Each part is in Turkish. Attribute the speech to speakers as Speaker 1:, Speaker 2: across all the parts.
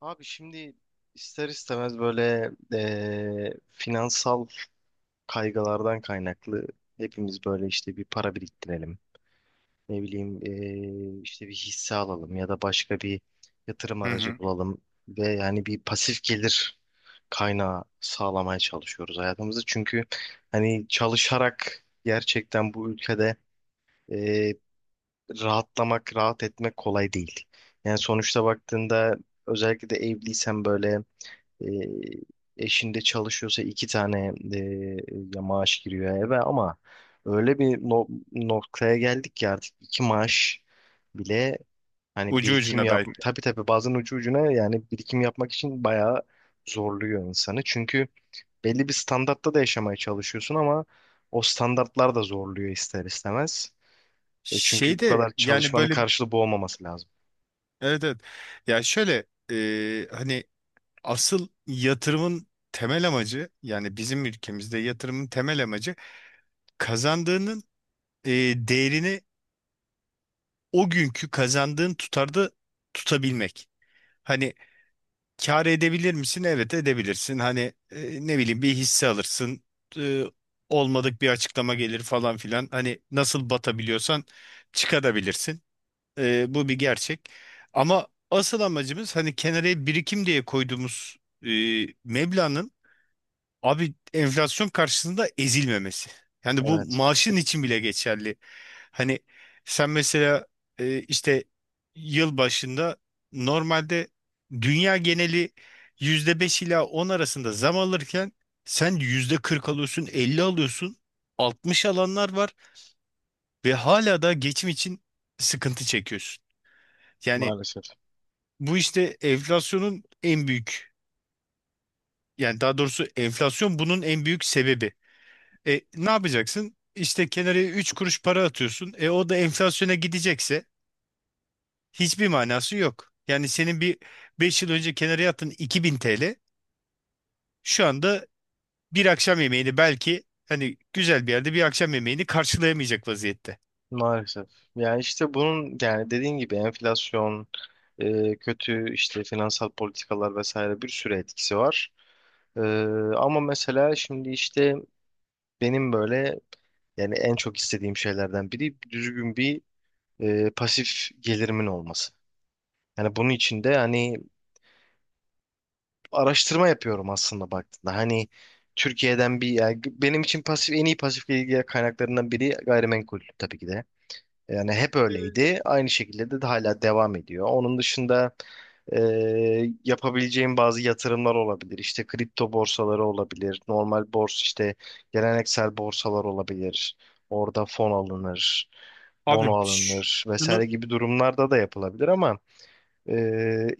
Speaker 1: Abi şimdi ister istemez böyle finansal kaygılardan kaynaklı hepimiz böyle işte bir para biriktirelim. Ne bileyim işte bir hisse alalım ya da başka bir yatırım
Speaker 2: Hı
Speaker 1: aracı
Speaker 2: hı.
Speaker 1: bulalım ve yani bir pasif gelir kaynağı sağlamaya çalışıyoruz hayatımızda. Çünkü hani çalışarak gerçekten bu ülkede eee, rahatlamak, rahat etmek kolay değil. Yani sonuçta baktığında özellikle de evliysen böyle e, eşinde çalışıyorsa iki tane ya maaş giriyor eve ama öyle bir noktaya geldik ki artık iki maaş bile hani
Speaker 2: Ucu
Speaker 1: birikim
Speaker 2: ucuna
Speaker 1: yap,
Speaker 2: belki.
Speaker 1: tabii tabii, bazen ucu ucuna, yani birikim yapmak için bayağı zorluyor insanı. Çünkü belli bir standartta da yaşamaya çalışıyorsun ama o standartlar da zorluyor ister istemez. Çünkü bu
Speaker 2: Şeyde
Speaker 1: kadar
Speaker 2: yani
Speaker 1: çalışmanın
Speaker 2: böyle,
Speaker 1: karşılığı bu olmaması lazım.
Speaker 2: evet evet. Ya şöyle hani asıl yatırımın temel amacı, yani bizim ülkemizde yatırımın temel amacı kazandığının e, değerini o günkü kazandığın tutarda tutabilmek. Hani kâr edebilir misin? Evet, edebilirsin. Hani ne bileyim, bir hisse alırsın. E, olmadık bir açıklama gelir falan filan. Hani nasıl batabiliyorsan çıkabilirsin. Bu bir gerçek. Ama asıl amacımız hani kenara birikim diye koyduğumuz e, meblağın, abi, enflasyon karşısında ezilmemesi. Yani bu
Speaker 1: Evet,
Speaker 2: maaşın için bile geçerli. Hani sen mesela işte yıl başında, normalde dünya geneli %5 ila 10 arasında zam alırken sen %40 alıyorsun, 50 alıyorsun, 60 alanlar var ve hala da geçim için sıkıntı çekiyorsun. Yani
Speaker 1: maalesef.
Speaker 2: bu işte enflasyonun en büyük, yani daha doğrusu enflasyon bunun en büyük sebebi. E, ne yapacaksın? İşte kenara 3 kuruş para atıyorsun. O da enflasyona gidecekse hiçbir manası yok. Yani senin bir 5 yıl önce kenara attığın 2000 TL şu anda bir akşam yemeğini, belki hani güzel bir yerde bir akşam yemeğini karşılayamayacak vaziyette.
Speaker 1: Maalesef. Yani işte bunun, yani dediğin gibi enflasyon, kötü işte finansal politikalar vesaire bir sürü etkisi var. E, Ama mesela şimdi işte benim böyle yani en çok istediğim şeylerden biri düzgün bir pasif gelirimin olması. Yani bunun için de hani araştırma yapıyorum aslında baktığında. Hani Türkiye'den bir, yani benim için pasif, en iyi pasif gelir kaynaklarından biri gayrimenkul tabii ki de. Yani hep öyleydi. Aynı şekilde de hala devam ediyor. Onun dışında e, yapabileceğim bazı yatırımlar olabilir. İşte kripto borsaları olabilir. Normal borsa, işte geleneksel borsalar olabilir. Orada fon alınır,
Speaker 2: Abi,
Speaker 1: bono
Speaker 2: ş-
Speaker 1: alınır vesaire
Speaker 2: şunu
Speaker 1: gibi durumlarda da yapılabilir ama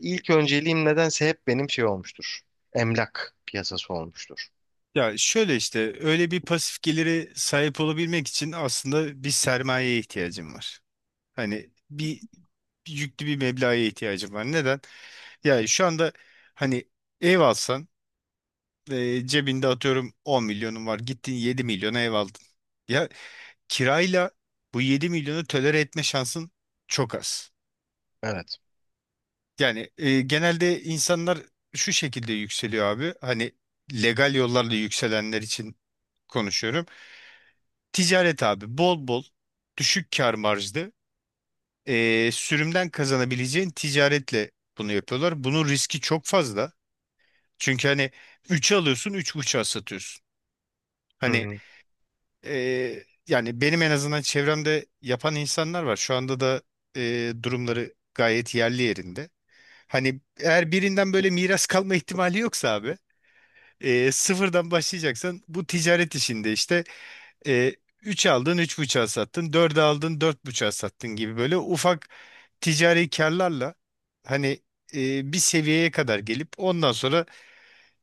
Speaker 1: ilk önceliğim nedense hep benim şey olmuştur. Emlak piyasası olmuştur.
Speaker 2: ya şöyle işte öyle bir pasif geliri sahip olabilmek için aslında bir sermayeye ihtiyacım var. Hani bir yüklü bir meblağa ihtiyacım var. Neden? Yani şu anda hani ev alsan, cebinde atıyorum 10 milyonun var. Gittin 7 milyona ev aldın. Ya, kirayla bu 7 milyonu tolere etme şansın çok az.
Speaker 1: Evet.
Speaker 2: Yani genelde insanlar şu şekilde yükseliyor abi. Hani legal yollarla yükselenler için konuşuyorum. Ticaret abi, bol bol düşük kar marjlı sürümden kazanabileceğin ticaretle bunu yapıyorlar. Bunun riski çok fazla. Çünkü hani 3'e alıyorsun, 3,5'a satıyorsun.
Speaker 1: Hı
Speaker 2: Hani
Speaker 1: hı.
Speaker 2: e, yani benim en azından çevremde yapan insanlar var. Şu anda da durumları gayet yerli yerinde. Hani eğer birinden böyle miras kalma ihtimali yoksa abi, sıfırdan başlayacaksan bu ticaret işinde işte. E, 3 aldın, 3,5'a sattın, dört aldın, 4,5'a sattın gibi böyle ufak ticari karlarla hani bir seviyeye kadar gelip ondan sonra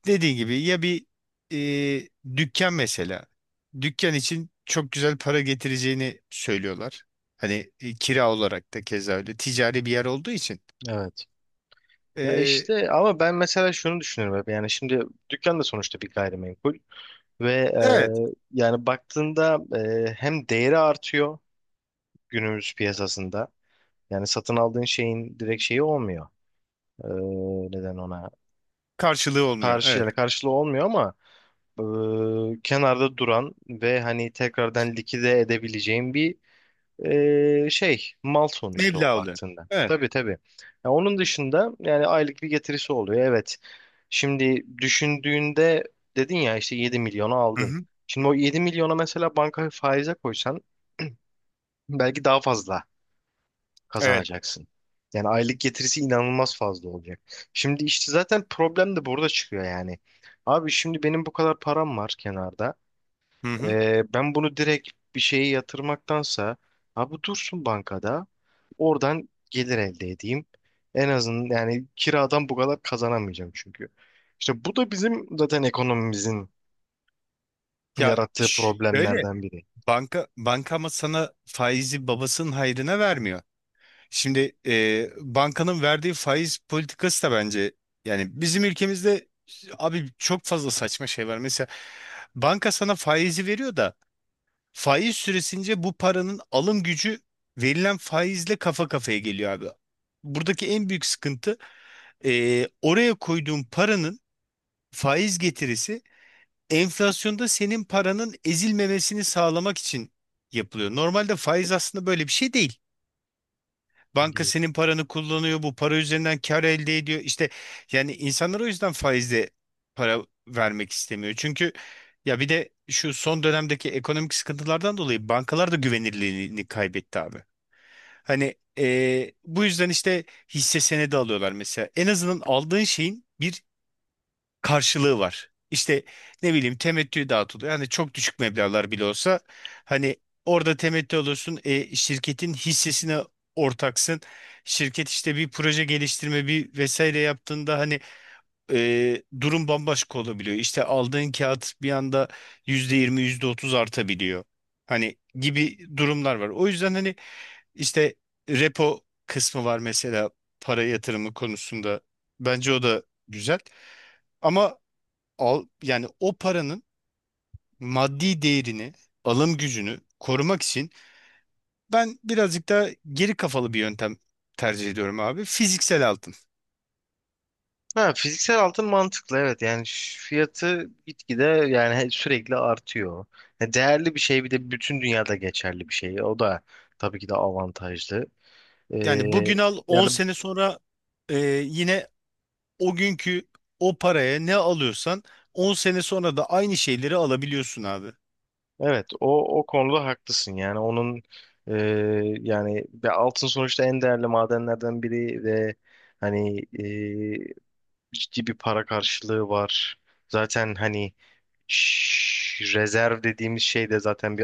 Speaker 2: dediğin gibi ya bir e, dükkan mesela. Dükkan için çok güzel para getireceğini söylüyorlar. Hani kira olarak da keza öyle. Ticari bir yer olduğu için.
Speaker 1: Evet. Ya
Speaker 2: E,
Speaker 1: işte ama ben mesela şunu düşünüyorum hep, yani şimdi dükkan da sonuçta bir gayrimenkul ve
Speaker 2: evet.
Speaker 1: yani baktığında hem değeri artıyor günümüz piyasasında, yani satın aldığın şeyin direkt şeyi olmuyor. E, Neden ona
Speaker 2: Karşılığı olmuyor.
Speaker 1: karşı,
Speaker 2: Evet.
Speaker 1: yani karşılığı olmuyor ama kenarda duran ve hani tekrardan likide edebileceğin bir şey, mal sonuçta o
Speaker 2: Meblağ oluyor.
Speaker 1: baktığında.
Speaker 2: Evet.
Speaker 1: Tabii tabii. Ya onun dışında yani aylık bir getirisi oluyor. Evet. Şimdi düşündüğünde, dedin ya işte 7 milyonu
Speaker 2: Hı
Speaker 1: aldın.
Speaker 2: hı.
Speaker 1: Şimdi o 7 milyona mesela banka faize koysan belki daha fazla
Speaker 2: Evet.
Speaker 1: kazanacaksın. Yani aylık getirisi inanılmaz fazla olacak. Şimdi işte zaten problem de burada çıkıyor yani. Abi şimdi benim bu kadar param var kenarda.
Speaker 2: Hı hı.
Speaker 1: Ben bunu direkt bir şeye yatırmaktansa abi dursun bankada, oradan gelir elde edeyim. En azından yani kiradan bu kadar kazanamayacağım çünkü. İşte bu da bizim zaten ekonomimizin
Speaker 2: Ya
Speaker 1: yarattığı
Speaker 2: şöyle,
Speaker 1: problemlerden biri.
Speaker 2: banka ama sana faizi babasının hayrına vermiyor. Şimdi bankanın verdiği faiz politikası da bence yani bizim ülkemizde, abi, çok fazla saçma şey var. Mesela banka sana faizi veriyor da faiz süresince bu paranın alım gücü verilen faizle kafa kafaya geliyor abi. Buradaki en büyük sıkıntı, oraya koyduğun paranın faiz getirisi enflasyonda senin paranın ezilmemesini sağlamak için yapılıyor. Normalde faiz aslında böyle bir şey değil. Banka
Speaker 1: Evet.
Speaker 2: senin paranı kullanıyor, bu para üzerinden kar elde ediyor. İşte yani insanlar o yüzden faizle para vermek istemiyor. Çünkü ya bir de şu son dönemdeki ekonomik sıkıntılardan dolayı bankalar da güvenirliliğini kaybetti abi. Hani bu yüzden işte hisse senedi alıyorlar mesela. En azından aldığın şeyin bir karşılığı var. İşte ne bileyim, temettü dağıtılıyor. Hani çok düşük meblağlar bile olsa hani orada temettü alıyorsun. Şirketin hissesine ortaksın. Şirket işte bir proje geliştirme bir vesaire yaptığında hani durum bambaşka olabiliyor. İşte aldığın kağıt bir anda %20 yüzde otuz artabiliyor. Hani gibi durumlar var. O yüzden hani işte repo kısmı var mesela para yatırımı konusunda. Bence o da güzel. Ama al, yani o paranın maddi değerini, alım gücünü korumak için ben birazcık daha geri kafalı bir yöntem tercih ediyorum abi. Fiziksel altın.
Speaker 1: Ha, fiziksel altın mantıklı, evet, yani fiyatı gitgide, yani sürekli artıyor. Ya değerli bir şey, bir de bütün dünyada geçerli bir şey. O da tabii ki de avantajlı. Ee,
Speaker 2: Yani bugün al, 10
Speaker 1: yani,
Speaker 2: sene sonra e, yine o günkü o paraya ne alıyorsan 10 sene sonra da aynı şeyleri alabiliyorsun abi.
Speaker 1: evet, o konuda haklısın. Yani onun e, yani ve altın sonuçta en değerli madenlerden biri ve hani ciddi bir para karşılığı var. Zaten hani rezerv dediğimiz şey de zaten bir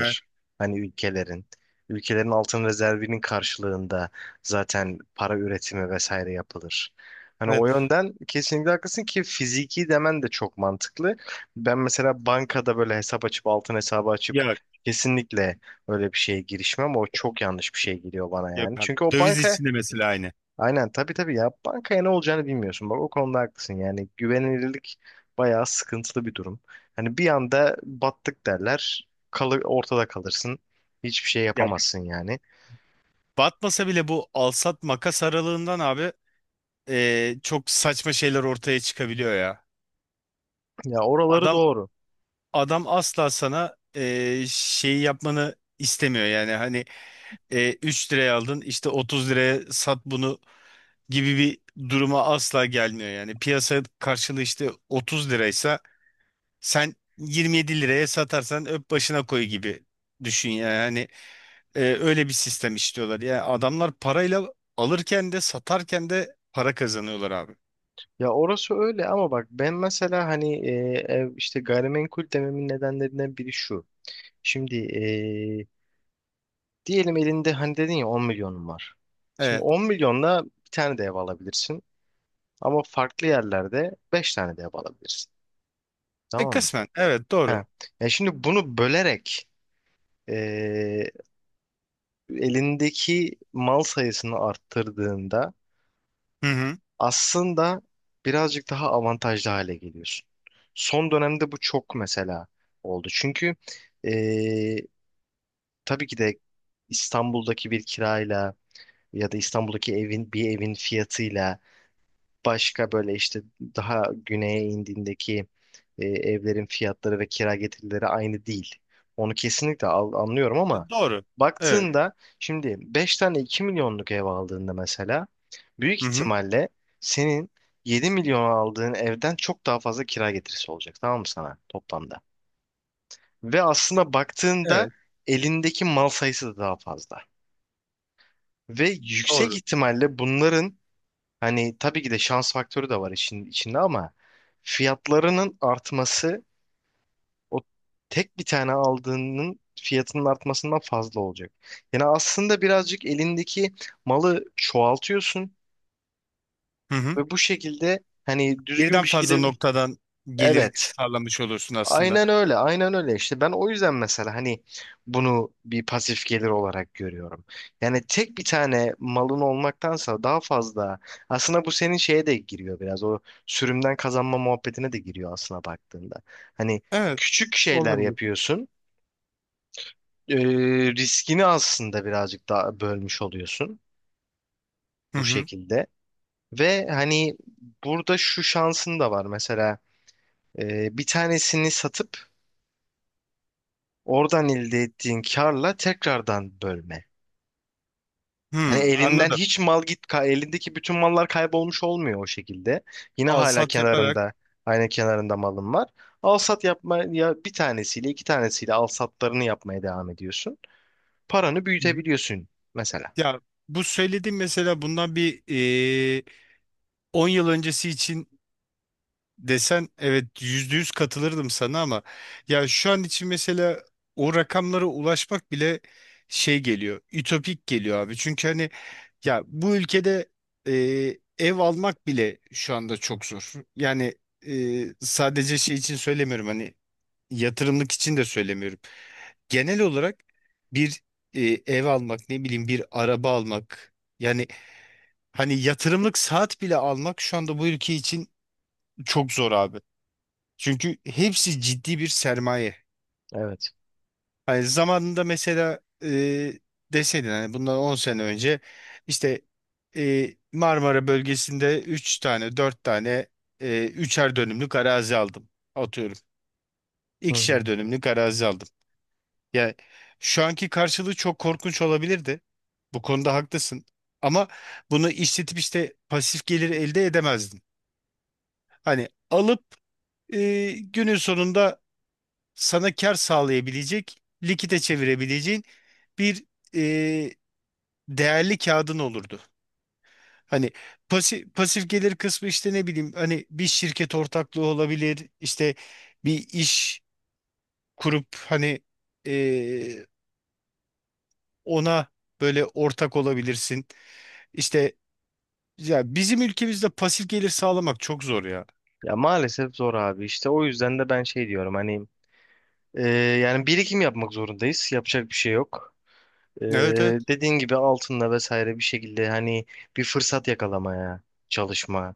Speaker 2: Evet.
Speaker 1: Hani ülkelerin. Ülkelerin altın rezervinin karşılığında zaten para üretimi vesaire yapılır. Hani o
Speaker 2: Evet.
Speaker 1: yönden kesinlikle haklısın ki fiziki demen de çok mantıklı. Ben mesela bankada böyle hesap açıp, altın hesabı açıp
Speaker 2: Ya,
Speaker 1: kesinlikle öyle bir şeye girişmem. O çok yanlış bir şey geliyor bana
Speaker 2: yok
Speaker 1: yani.
Speaker 2: abi.
Speaker 1: Çünkü o
Speaker 2: Döviz
Speaker 1: banka.
Speaker 2: içinde mesela aynı.
Speaker 1: Aynen, tabii tabii, ya bankaya ne olacağını bilmiyorsun. Bak, o konuda haklısın. Yani güvenilirlik bayağı sıkıntılı bir durum. Hani bir anda battık derler. Ortada kalırsın. Hiçbir şey
Speaker 2: Ya
Speaker 1: yapamazsın yani.
Speaker 2: batmasa bile bu alsat makas aralığından, abi, çok saçma şeyler ortaya çıkabiliyor ya.
Speaker 1: Ya oraları
Speaker 2: Adam
Speaker 1: doğru.
Speaker 2: adam asla sana şeyi yapmanı istemiyor yani, hani 3 liraya aldın, işte 30 liraya sat bunu gibi bir duruma asla gelmiyor. Yani piyasa karşılığı işte 30 liraysa, sen 27 liraya satarsan öp başına koy gibi düşün. Yani hani öyle bir sistem istiyorlar yani, adamlar parayla alırken de satarken de para kazanıyorlar abi.
Speaker 1: Ya orası öyle ama bak ben mesela hani ev, işte gayrimenkul dememin nedenlerinden biri şu. Şimdi e, diyelim elinde, hani dedin ya 10 milyonun var. Şimdi
Speaker 2: Evet.
Speaker 1: 10 milyonla bir tane de ev alabilirsin. Ama farklı yerlerde 5 tane de ev alabilirsin. Tamam mı?
Speaker 2: Kısmen evet, doğru.
Speaker 1: Ha. Ya şimdi bunu bölerek eee, elindeki mal sayısını arttırdığında
Speaker 2: Hı hı.
Speaker 1: aslında birazcık daha avantajlı hale geliyorsun. Son dönemde bu çok mesela oldu. Çünkü eee, tabii ki de İstanbul'daki bir kirayla ya da İstanbul'daki evin, bir evin fiyatıyla başka, böyle işte daha güneye indiğindeki evlerin fiyatları ve kira getirileri aynı değil. Onu kesinlikle anlıyorum ama
Speaker 2: Doğru. Evet.
Speaker 1: baktığında şimdi 5 tane 2 milyonluk ev aldığında mesela büyük
Speaker 2: Hı hı.
Speaker 1: ihtimalle senin 7 milyon aldığın evden çok daha fazla kira getirisi olacak, tamam mı, sana toplamda? Ve aslında baktığında
Speaker 2: Evet,
Speaker 1: elindeki mal sayısı da daha fazla. Ve yüksek
Speaker 2: doğru.
Speaker 1: ihtimalle bunların, hani tabii ki de şans faktörü de var işin içinde ama, fiyatlarının artması o tek bir tane aldığının fiyatının artmasından fazla olacak. Yani aslında birazcık elindeki malı çoğaltıyorsun
Speaker 2: Hı hı.
Speaker 1: ve bu şekilde hani düzgün
Speaker 2: Birden
Speaker 1: bir
Speaker 2: fazla
Speaker 1: şekilde.
Speaker 2: noktadan gelir
Speaker 1: Evet,
Speaker 2: sağlamış olursun aslında.
Speaker 1: aynen öyle, aynen öyle. İşte ben o yüzden mesela hani bunu bir pasif gelir olarak görüyorum. Yani tek bir tane malın olmaktansa daha fazla, aslında bu senin şeye de giriyor biraz, o sürümden kazanma muhabbetine de giriyor aslına baktığında. Hani
Speaker 2: Evet,
Speaker 1: küçük şeyler
Speaker 2: olabilir.
Speaker 1: yapıyorsun, e, riskini aslında birazcık daha bölmüş oluyorsun
Speaker 2: Hı
Speaker 1: bu
Speaker 2: hı.
Speaker 1: şekilde. Ve hani burada şu şansın da var mesela, bir tanesini satıp oradan elde ettiğin karla tekrardan bölme. Hani
Speaker 2: Hmm,
Speaker 1: elinden
Speaker 2: anladım.
Speaker 1: hiç mal git, ka- elindeki bütün mallar kaybolmuş olmuyor o şekilde. Yine
Speaker 2: Al
Speaker 1: hala
Speaker 2: sat yaparak.
Speaker 1: kenarında, aynı kenarında malın var. Al sat yapma, ya bir tanesiyle, iki tanesiyle al satlarını yapmaya devam ediyorsun. Paranı
Speaker 2: Hı hı.
Speaker 1: büyütebiliyorsun mesela.
Speaker 2: Ya bu söylediğim mesela, bundan bir e, 10 yıl öncesi için desen, evet, %100 katılırdım sana. Ama ya şu an için mesela o rakamlara ulaşmak bile şey geliyor, ütopik geliyor abi. Çünkü hani ya bu ülkede e, ev almak bile şu anda çok zor. Yani sadece şey için söylemiyorum, hani yatırımlık için de söylemiyorum. Genel olarak bir ev almak, ne bileyim bir araba almak, yani hani yatırımlık saat bile almak şu anda bu ülke için çok zor abi. Çünkü hepsi ciddi bir sermaye.
Speaker 1: Evet.
Speaker 2: Hani zamanında mesela deseydin, hani bundan 10 sene önce, işte Marmara bölgesinde 3 tane 4 tane 3'er dönümlük arazi aldım. Atıyorum.
Speaker 1: Hı hı.
Speaker 2: 2'şer dönümlük arazi aldım. Yani şu anki karşılığı çok korkunç olabilirdi. Bu konuda haklısın. Ama bunu işletip işte pasif gelir elde edemezdin. Hani alıp günün sonunda sana kar sağlayabilecek, likite çevirebileceğin bir e, değerli kağıdın olurdu. Hani pasif gelir kısmı işte, ne bileyim, hani bir şirket ortaklığı olabilir, işte bir iş kurup hani e, ona böyle ortak olabilirsin. İşte ya bizim ülkemizde pasif gelir sağlamak çok zor ya.
Speaker 1: Ya maalesef zor abi, işte o yüzden de ben şey diyorum, hani e, yani birikim yapmak zorundayız. Yapacak bir şey yok. Ee,
Speaker 2: Evet, evet,
Speaker 1: Dediğin gibi altınla vesaire bir şekilde hani bir fırsat yakalamaya çalışma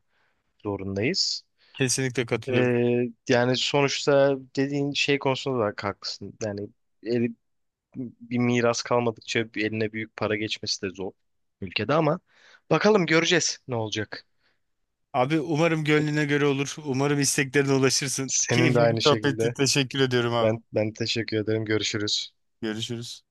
Speaker 1: zorundayız.
Speaker 2: kesinlikle katılıyorum.
Speaker 1: Yani sonuçta dediğin şey konusunda da haklısın. Yani eli- bir miras kalmadıkça bir eline büyük para geçmesi de zor ülkede ama bakalım, göreceğiz ne olacak.
Speaker 2: Abi, umarım gönlüne göre olur. Umarım isteklerine ulaşırsın.
Speaker 1: Senin de
Speaker 2: Keyifli bir
Speaker 1: aynı
Speaker 2: sohbetti.
Speaker 1: şekilde.
Speaker 2: Teşekkür ediyorum abi.
Speaker 1: Ben teşekkür ederim. Görüşürüz.
Speaker 2: Görüşürüz.